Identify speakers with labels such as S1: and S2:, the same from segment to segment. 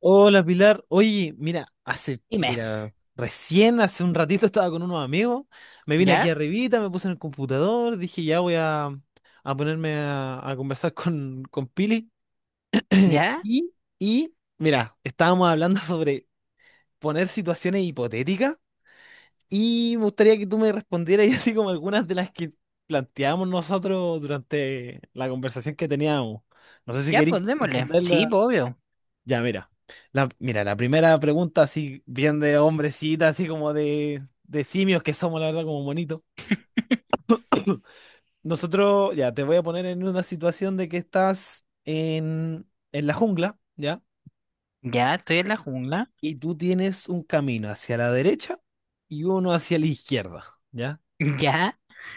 S1: Hola Pilar, oye, mira,
S2: Dime.
S1: recién hace un ratito estaba con unos amigos, me vine aquí
S2: ¿Ya?
S1: arribita, me puse en el computador, dije ya voy a ponerme a conversar con Pili
S2: ¿Ya?
S1: y, y, mira, estábamos hablando sobre poner situaciones hipotéticas y me gustaría que tú me respondieras y así como algunas de las que planteamos nosotros durante la conversación que teníamos. No sé si
S2: Ya,
S1: queréis
S2: pues démosle. Sí,
S1: responderla
S2: pues, obvio.
S1: ya, mira. La primera pregunta, así bien de hombrecita, así como de simios que somos, la verdad, como bonitos. Nosotros, ya, te voy a poner en una situación de que estás en la jungla, ¿ya?
S2: Ya, estoy en la jungla.
S1: Y tú tienes un camino hacia la derecha y uno hacia la izquierda, ¿ya?
S2: Ya,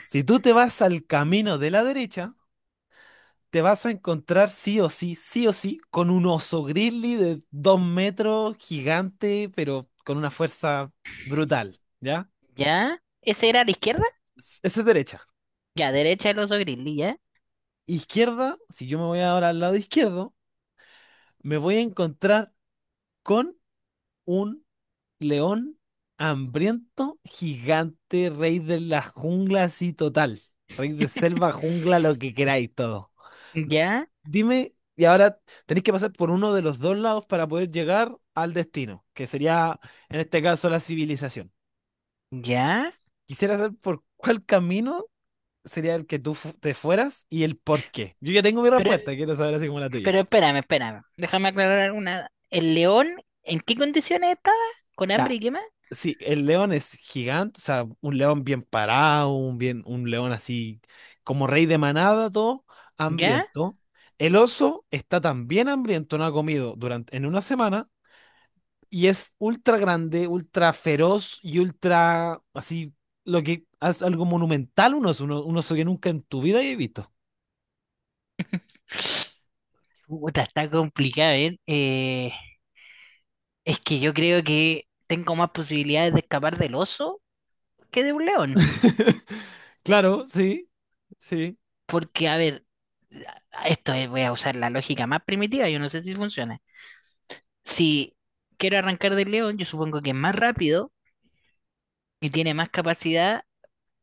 S1: Si tú te vas al camino de la derecha, te vas a encontrar sí o sí, con un oso grizzly de 2 metros, gigante, pero con una fuerza brutal, ¿ya?
S2: ya. ¿Ese era a la izquierda?
S1: Esa es derecha.
S2: Ya, derecha el oso grizzly, ya.
S1: Izquierda, si yo me voy ahora al lado izquierdo, me voy a encontrar con un león hambriento, gigante, rey de la jungla, así total. Rey de selva, jungla, lo que queráis, todo.
S2: Ya,
S1: Dime, y ahora tenéis que pasar por uno de los dos lados para poder llegar al destino, que sería, en este caso, la civilización.
S2: ya.
S1: Quisiera saber por cuál camino sería el que tú te fueras y el por qué. Yo ya tengo mi
S2: Pero,
S1: respuesta, quiero saber así como la
S2: pero
S1: tuya.
S2: espérame. Déjame aclarar una. ¿El león en qué condiciones estaba? ¿Con
S1: Ya.
S2: hambre y qué más?
S1: Sí, el león es gigante, o sea, un león bien parado, bien, un león así como rey de manada, todo
S2: ¿Ya?
S1: hambriento. El oso está también hambriento, no ha comido en una semana y es ultra grande, ultra feroz y ultra así, lo que es algo monumental, un oso, un oso que nunca en tu vida he visto.
S2: Puta, está complicado, ¿eh? Es que yo creo que tengo más posibilidades de escapar del oso que de un león.
S1: Claro, sí, sí,
S2: Porque, a ver, voy a usar la lógica más primitiva, yo no sé si funciona. Si quiero arrancar del león, yo supongo que es más rápido y tiene más capacidad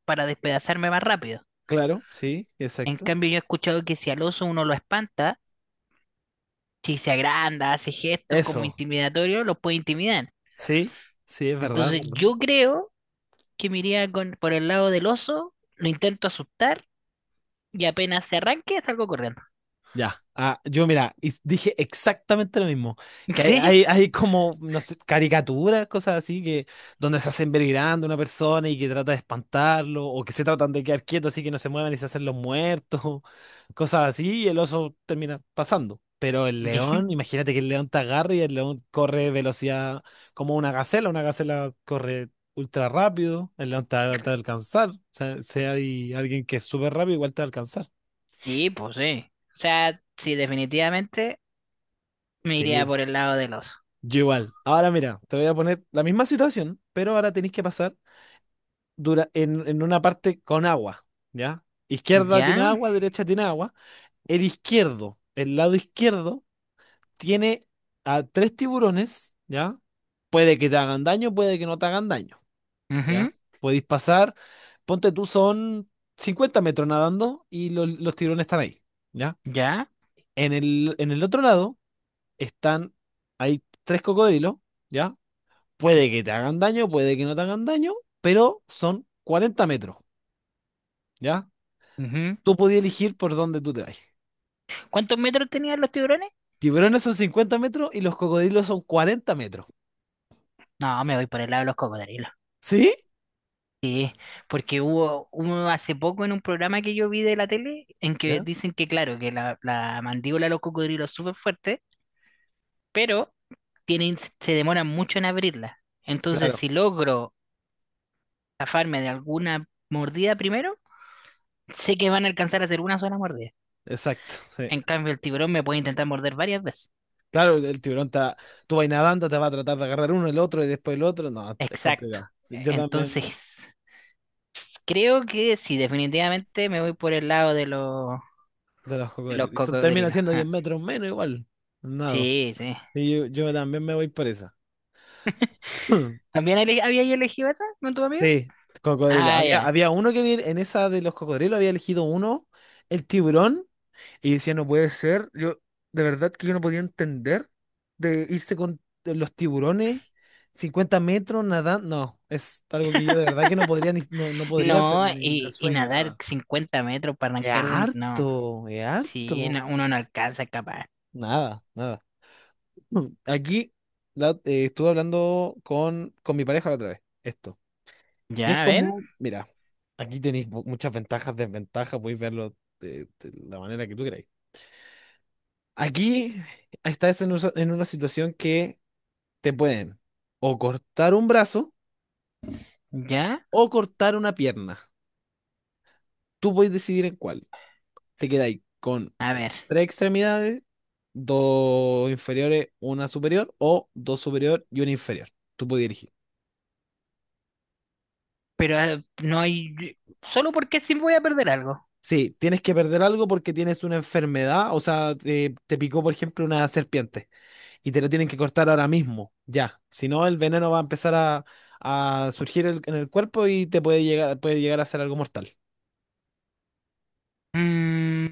S2: para despedazarme más rápido.
S1: claro, sí,
S2: En
S1: exacto.
S2: cambio, yo he escuchado que si al oso uno lo espanta, si se agranda, hace gestos como
S1: Eso,
S2: intimidatorios, los puede intimidar.
S1: sí, sí, es verdad, es
S2: Entonces,
S1: verdad.
S2: yo creo que me iría por el lado del oso, lo intento asustar y apenas se arranque, salgo corriendo.
S1: Ya, ah, yo mira, y dije exactamente lo mismo, que
S2: ¿Sí?
S1: hay como, no sé, caricaturas, cosas así, que donde se hacen ver grande una persona y que trata de espantarlo, o que se tratan de quedar quietos así que no se muevan y se hacen los muertos, cosas así, y el oso termina pasando. Pero el león, imagínate que el león te agarra y el león corre velocidad como una gacela corre ultra rápido, el león te va a alcanzar, o sea, si hay alguien que es súper rápido, igual te va a alcanzar.
S2: Sí, pues sí. O sea, sí, definitivamente. Me iría
S1: Sí.
S2: por el lado del oso.
S1: Yo igual. Ahora mira, te voy a poner la misma situación, pero ahora tenéis que pasar en una parte con agua, ¿ya? Izquierda tiene
S2: ¿Ya?
S1: agua, derecha tiene agua. El lado izquierdo, tiene a tres tiburones, ¿ya? Puede que te hagan daño, puede que no te hagan daño,
S2: Ujú.
S1: ¿ya? Podéis pasar, ponte tú, son 50 metros nadando y los tiburones están ahí, ¿ya?
S2: ¿Ya?
S1: En el otro lado están, hay tres cocodrilos. ¿Ya? Puede que te hagan daño, puede que no te hagan daño, pero son 40 metros, ¿ya?
S2: Ujú.
S1: Tú podías elegir por dónde tú te vas.
S2: ¿Cuántos metros tenían los tiburones?
S1: Tiburones son 50 metros y los cocodrilos son 40 metros.
S2: No, me voy por el lado de los cocodrilos.
S1: ¿Sí?
S2: Sí, porque hubo hace poco en un programa que yo vi de la tele en que
S1: ¿Ya?
S2: dicen que, claro, que la mandíbula de los cocodrilos es súper fuerte, pero tienen, se demoran mucho en abrirla. Entonces,
S1: Claro,
S2: si logro zafarme de alguna mordida primero, sé que van a alcanzar a hacer una sola mordida.
S1: exacto. Sí.
S2: En cambio, el tiburón me puede intentar morder varias veces.
S1: Claro, el tiburón tú vas nadando, te va a tratar de agarrar uno, el otro y después el otro. No, es
S2: Exacto.
S1: complicado. Sí, yo también
S2: Entonces, creo que sí, definitivamente me voy por el lado
S1: de los
S2: de los
S1: cocodrilos. Termina
S2: cocodrilos.
S1: siendo 10
S2: Ah,
S1: metros menos igual. Nado.
S2: sí, sí.
S1: Y yo también me voy por esa.
S2: Había yo elegido esa con tu amigo?
S1: Sí, cocodrilo.
S2: Ah,
S1: Había,
S2: ya.
S1: había uno que vi en esa de los cocodrilos, había elegido uno, el tiburón, y decía, no puede ser. Yo, de verdad que yo no podía entender de irse con los tiburones, 50 metros nadando. No, es algo que yo de verdad que no podría ni, no podría hacer
S2: No,
S1: ni de
S2: y
S1: sueño,
S2: nadar
S1: nada.
S2: 50 metros para
S1: Es
S2: arrancar de... No,
S1: harto, es
S2: sí,
S1: harto.
S2: no, uno no alcanza capaz.
S1: Nada, nada. Aquí estuve hablando con mi pareja la otra vez. Esto. Y
S2: Ya,
S1: es
S2: a ver,
S1: como, mira, aquí tenéis muchas ventajas, desventajas, podéis verlo de la manera que tú queráis. Aquí estás en una situación que te pueden o cortar un brazo
S2: ya,
S1: o cortar una pierna. Tú podéis decidir en cuál. Te quedáis con
S2: a ver.
S1: tres extremidades, dos inferiores, una superior o dos superior y una inferior. Tú podías elegir.
S2: Pero no hay... Solo porque sí voy a perder algo.
S1: Sí, tienes que perder algo porque tienes una enfermedad, o sea, te picó, por ejemplo, una serpiente. Y te lo tienen que cortar ahora mismo, ya. Si no, el veneno va a empezar a surgir en el cuerpo y te puede llegar a ser algo mortal.
S2: Mm,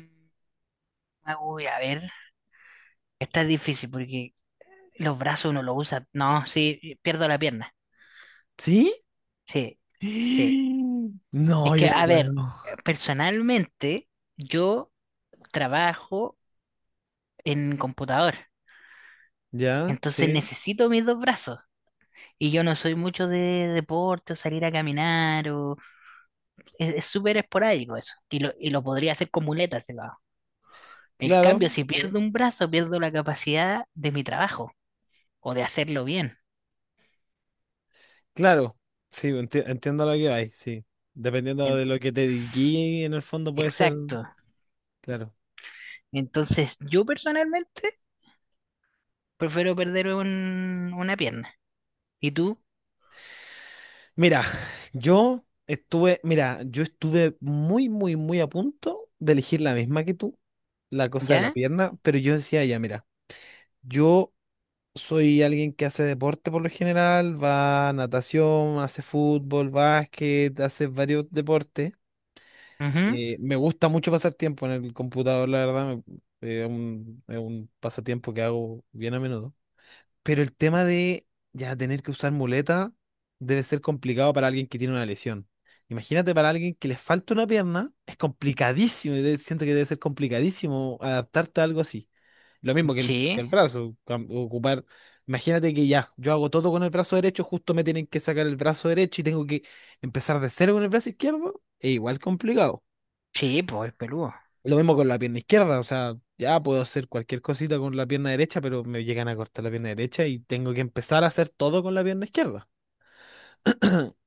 S2: ah, uy, a ver. Esta es difícil porque los brazos uno los usa. No, sí, pierdo la pierna.
S1: ¿Sí?
S2: Sí, sí. Es
S1: No, yo
S2: que,
S1: no
S2: a
S1: puedo.
S2: ver, personalmente yo trabajo en computador,
S1: Ya,
S2: entonces
S1: sí,
S2: necesito mis dos brazos. Y yo no soy mucho de deporte, o salir a caminar, o es súper esporádico eso. Y lo podría hacer con muletas si lo hago. En
S1: claro,
S2: cambio, si pierdo
S1: sí,
S2: un brazo, pierdo la capacidad de mi trabajo o de hacerlo bien.
S1: claro. Sí, entiendo lo que hay, sí. Dependiendo
S2: En-
S1: de lo que te dediqué, en el fondo puede ser,
S2: Exacto.
S1: claro.
S2: Entonces, yo personalmente prefiero perder una pierna. ¿Y tú?
S1: Mira, yo estuve muy, muy, muy a punto de elegir la misma que tú, la cosa de la
S2: ¿Ya?
S1: pierna, pero yo decía, ya, mira. Yo soy alguien que hace deporte por lo general, va a natación, hace fútbol, básquet, hace varios deportes.
S2: Ujú.
S1: Me gusta mucho pasar tiempo en el computador, la verdad, es un pasatiempo que hago bien a menudo. Pero el tema de ya tener que usar muleta debe ser complicado para alguien que tiene una lesión. Imagínate para alguien que le falta una pierna, es complicadísimo, siento que debe ser complicadísimo adaptarte a algo así. Lo mismo que el, que
S2: Sí,
S1: el brazo, ocupar. Imagínate que ya, yo hago todo con el brazo derecho, justo me tienen que sacar el brazo derecho y tengo que empezar de cero con el brazo izquierdo, es igual complicado.
S2: sí, pues el Perú.
S1: Lo mismo con la pierna izquierda, o sea, ya puedo hacer cualquier cosita con la pierna derecha, pero me llegan a cortar la pierna derecha y tengo que empezar a hacer todo con la pierna izquierda.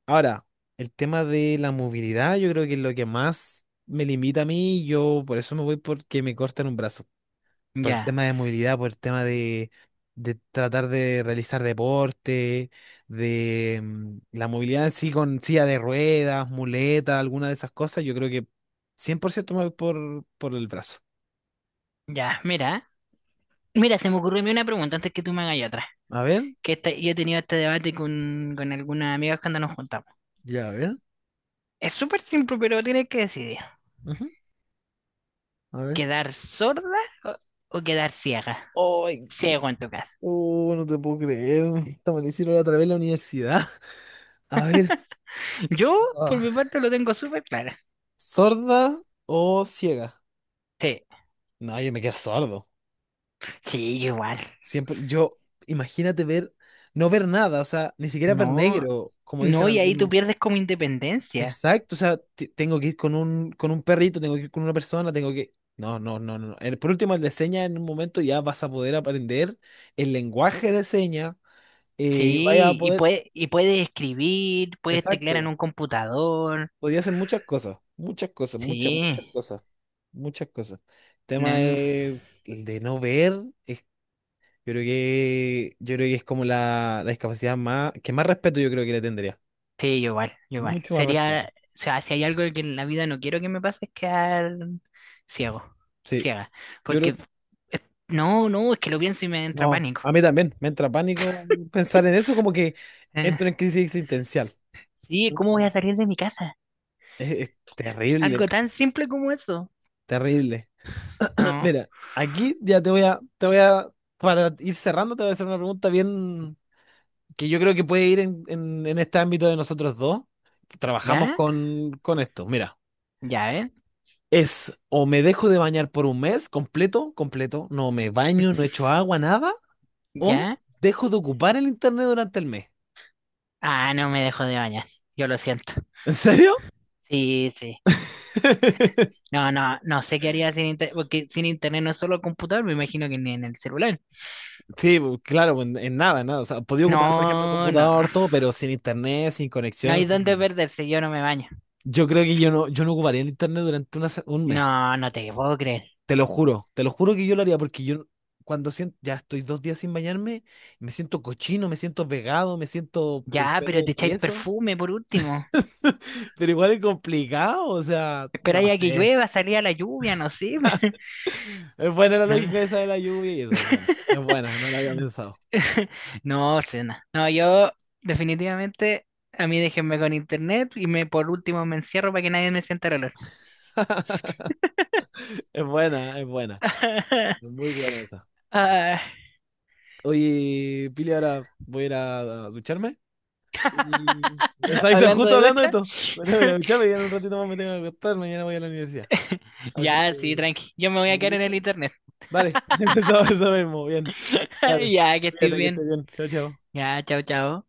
S1: Ahora, el tema de la movilidad, yo creo que es lo que más me limita a mí, yo por eso me voy porque me cortan un brazo. Por el
S2: Ya,
S1: tema de movilidad, por el tema de tratar de realizar deporte, de la movilidad en sí con silla de ruedas, muleta, alguna de esas cosas, yo creo que 100% me voy por el brazo.
S2: ya, mira, mira, se me ocurrió a mí una pregunta antes que tú me hagas otra.
S1: A ver.
S2: Que yo he tenido este debate con algunas amigas cuando nos juntamos.
S1: Ya, a ver.
S2: Es súper simple, pero tienes que decidir.
S1: Ajá, a ver.
S2: ¿Quedar sorda o, o quedar ciega?
S1: ¡Ay!
S2: Ciego en tu caso.
S1: No te puedo creer. Esta me la hicieron la otra vez en la universidad. A ver,
S2: Yo, por mi
S1: ah,
S2: parte, lo tengo súper claro.
S1: ¿sorda o ciega?
S2: Sí,
S1: No, yo me quedo sordo.
S2: sí, yo igual.
S1: Siempre, imagínate ver, no ver nada, o sea, ni siquiera ver
S2: No,
S1: negro, como dicen
S2: no, y ahí tú
S1: algunos.
S2: pierdes como independencia.
S1: Exacto, o sea, tengo que ir con un perrito, tengo que ir con una persona, tengo que... No, no, no, no. No. Por último, el de señas en un momento ya vas a poder aprender el lenguaje de señas vaya a
S2: Sí,
S1: poder...
S2: y puedes escribir, puedes teclear en
S1: Exacto.
S2: un computador.
S1: Podía hacer muchas cosas,
S2: Sí,
S1: muchas cosas, muchas cosas. El tema
S2: no.
S1: de, el de no ver, yo creo que es como la discapacidad más, que más respeto yo creo que le tendría.
S2: Sí, yo igual, yo igual.
S1: Mucho más respeto.
S2: Sería, o sea, si hay algo que en la vida no quiero que me pase es quedar ciego,
S1: Sí,
S2: ciega.
S1: yo
S2: Porque,
S1: creo,
S2: eh, no, no, es que lo pienso y me entra
S1: no,
S2: pánico.
S1: a mí también, me entra pánico pensar en eso, como que
S2: Eh,
S1: entro en crisis existencial.
S2: sí, ¿cómo voy
S1: Mm.
S2: a salir de mi casa?
S1: Es
S2: Algo
S1: terrible,
S2: tan simple como eso.
S1: terrible.
S2: No.
S1: Mira, aquí ya te voy a, para ir cerrando, te voy a hacer una pregunta bien que yo creo que puede ir en este ámbito de nosotros dos, que trabajamos
S2: ¿Ya?
S1: con esto. Mira,
S2: ¿Ya ven?
S1: es o me dejo de bañar por un mes completo, completo, no me baño, no echo agua, nada, o
S2: ¿Ya?
S1: dejo de ocupar el internet durante el mes.
S2: Ah, no me dejo de bañar. Yo lo siento.
S1: ¿En serio?
S2: Sí, sí. No, no, no sé qué haría sin internet, porque sin internet no es solo el computador, me imagino que ni en el celular.
S1: Sí, claro, en nada, en nada. O sea, podía ocupar, por ejemplo, el
S2: No, no.
S1: computador, todo, pero sin internet, sin
S2: No
S1: conexión.
S2: hay dónde perderse, yo no me baño.
S1: Yo creo que yo no, ocuparía el internet durante un mes.
S2: No, no te puedo creer.
S1: Te lo juro que yo lo haría porque yo cuando siento, ya estoy 2 días sin bañarme, me siento cochino, me siento pegado, me siento el
S2: Ya,
S1: pelo
S2: pero te echáis
S1: tieso,
S2: perfume por último.
S1: pero igual es complicado, o sea, no
S2: Esperáis a que
S1: sé.
S2: llueva, salía a la lluvia, no sé.
S1: Es buena
S2: pero-
S1: la
S2: No,
S1: lógica esa de la lluvia y eso es buena. Es buena, no la había pensado.
S2: no, cena. No, yo definitivamente a mí déjenme con internet y me por último me encierro para que nadie me sienta el olor.
S1: Es buena, es buena. Es muy buena esa.
S2: Ah,
S1: Oye, Pili, ahora voy a ir a ducharme. Y... Exacto,
S2: hablando
S1: justo
S2: de
S1: hablando de
S2: ducha.
S1: esto. Me tengo que ir a ducharme y en un ratito más me tengo que acostar, mañana voy a la universidad. Así
S2: Ya, sí,
S1: que...
S2: tranqui. Yo me voy a
S1: Me
S2: quedar en
S1: ducho.
S2: el internet.
S1: Dale, eso mismo, bien. Dale,
S2: Ya, que estés
S1: cuídate que
S2: bien.
S1: estés bien. Chao, chao.
S2: Ya, chao, chao.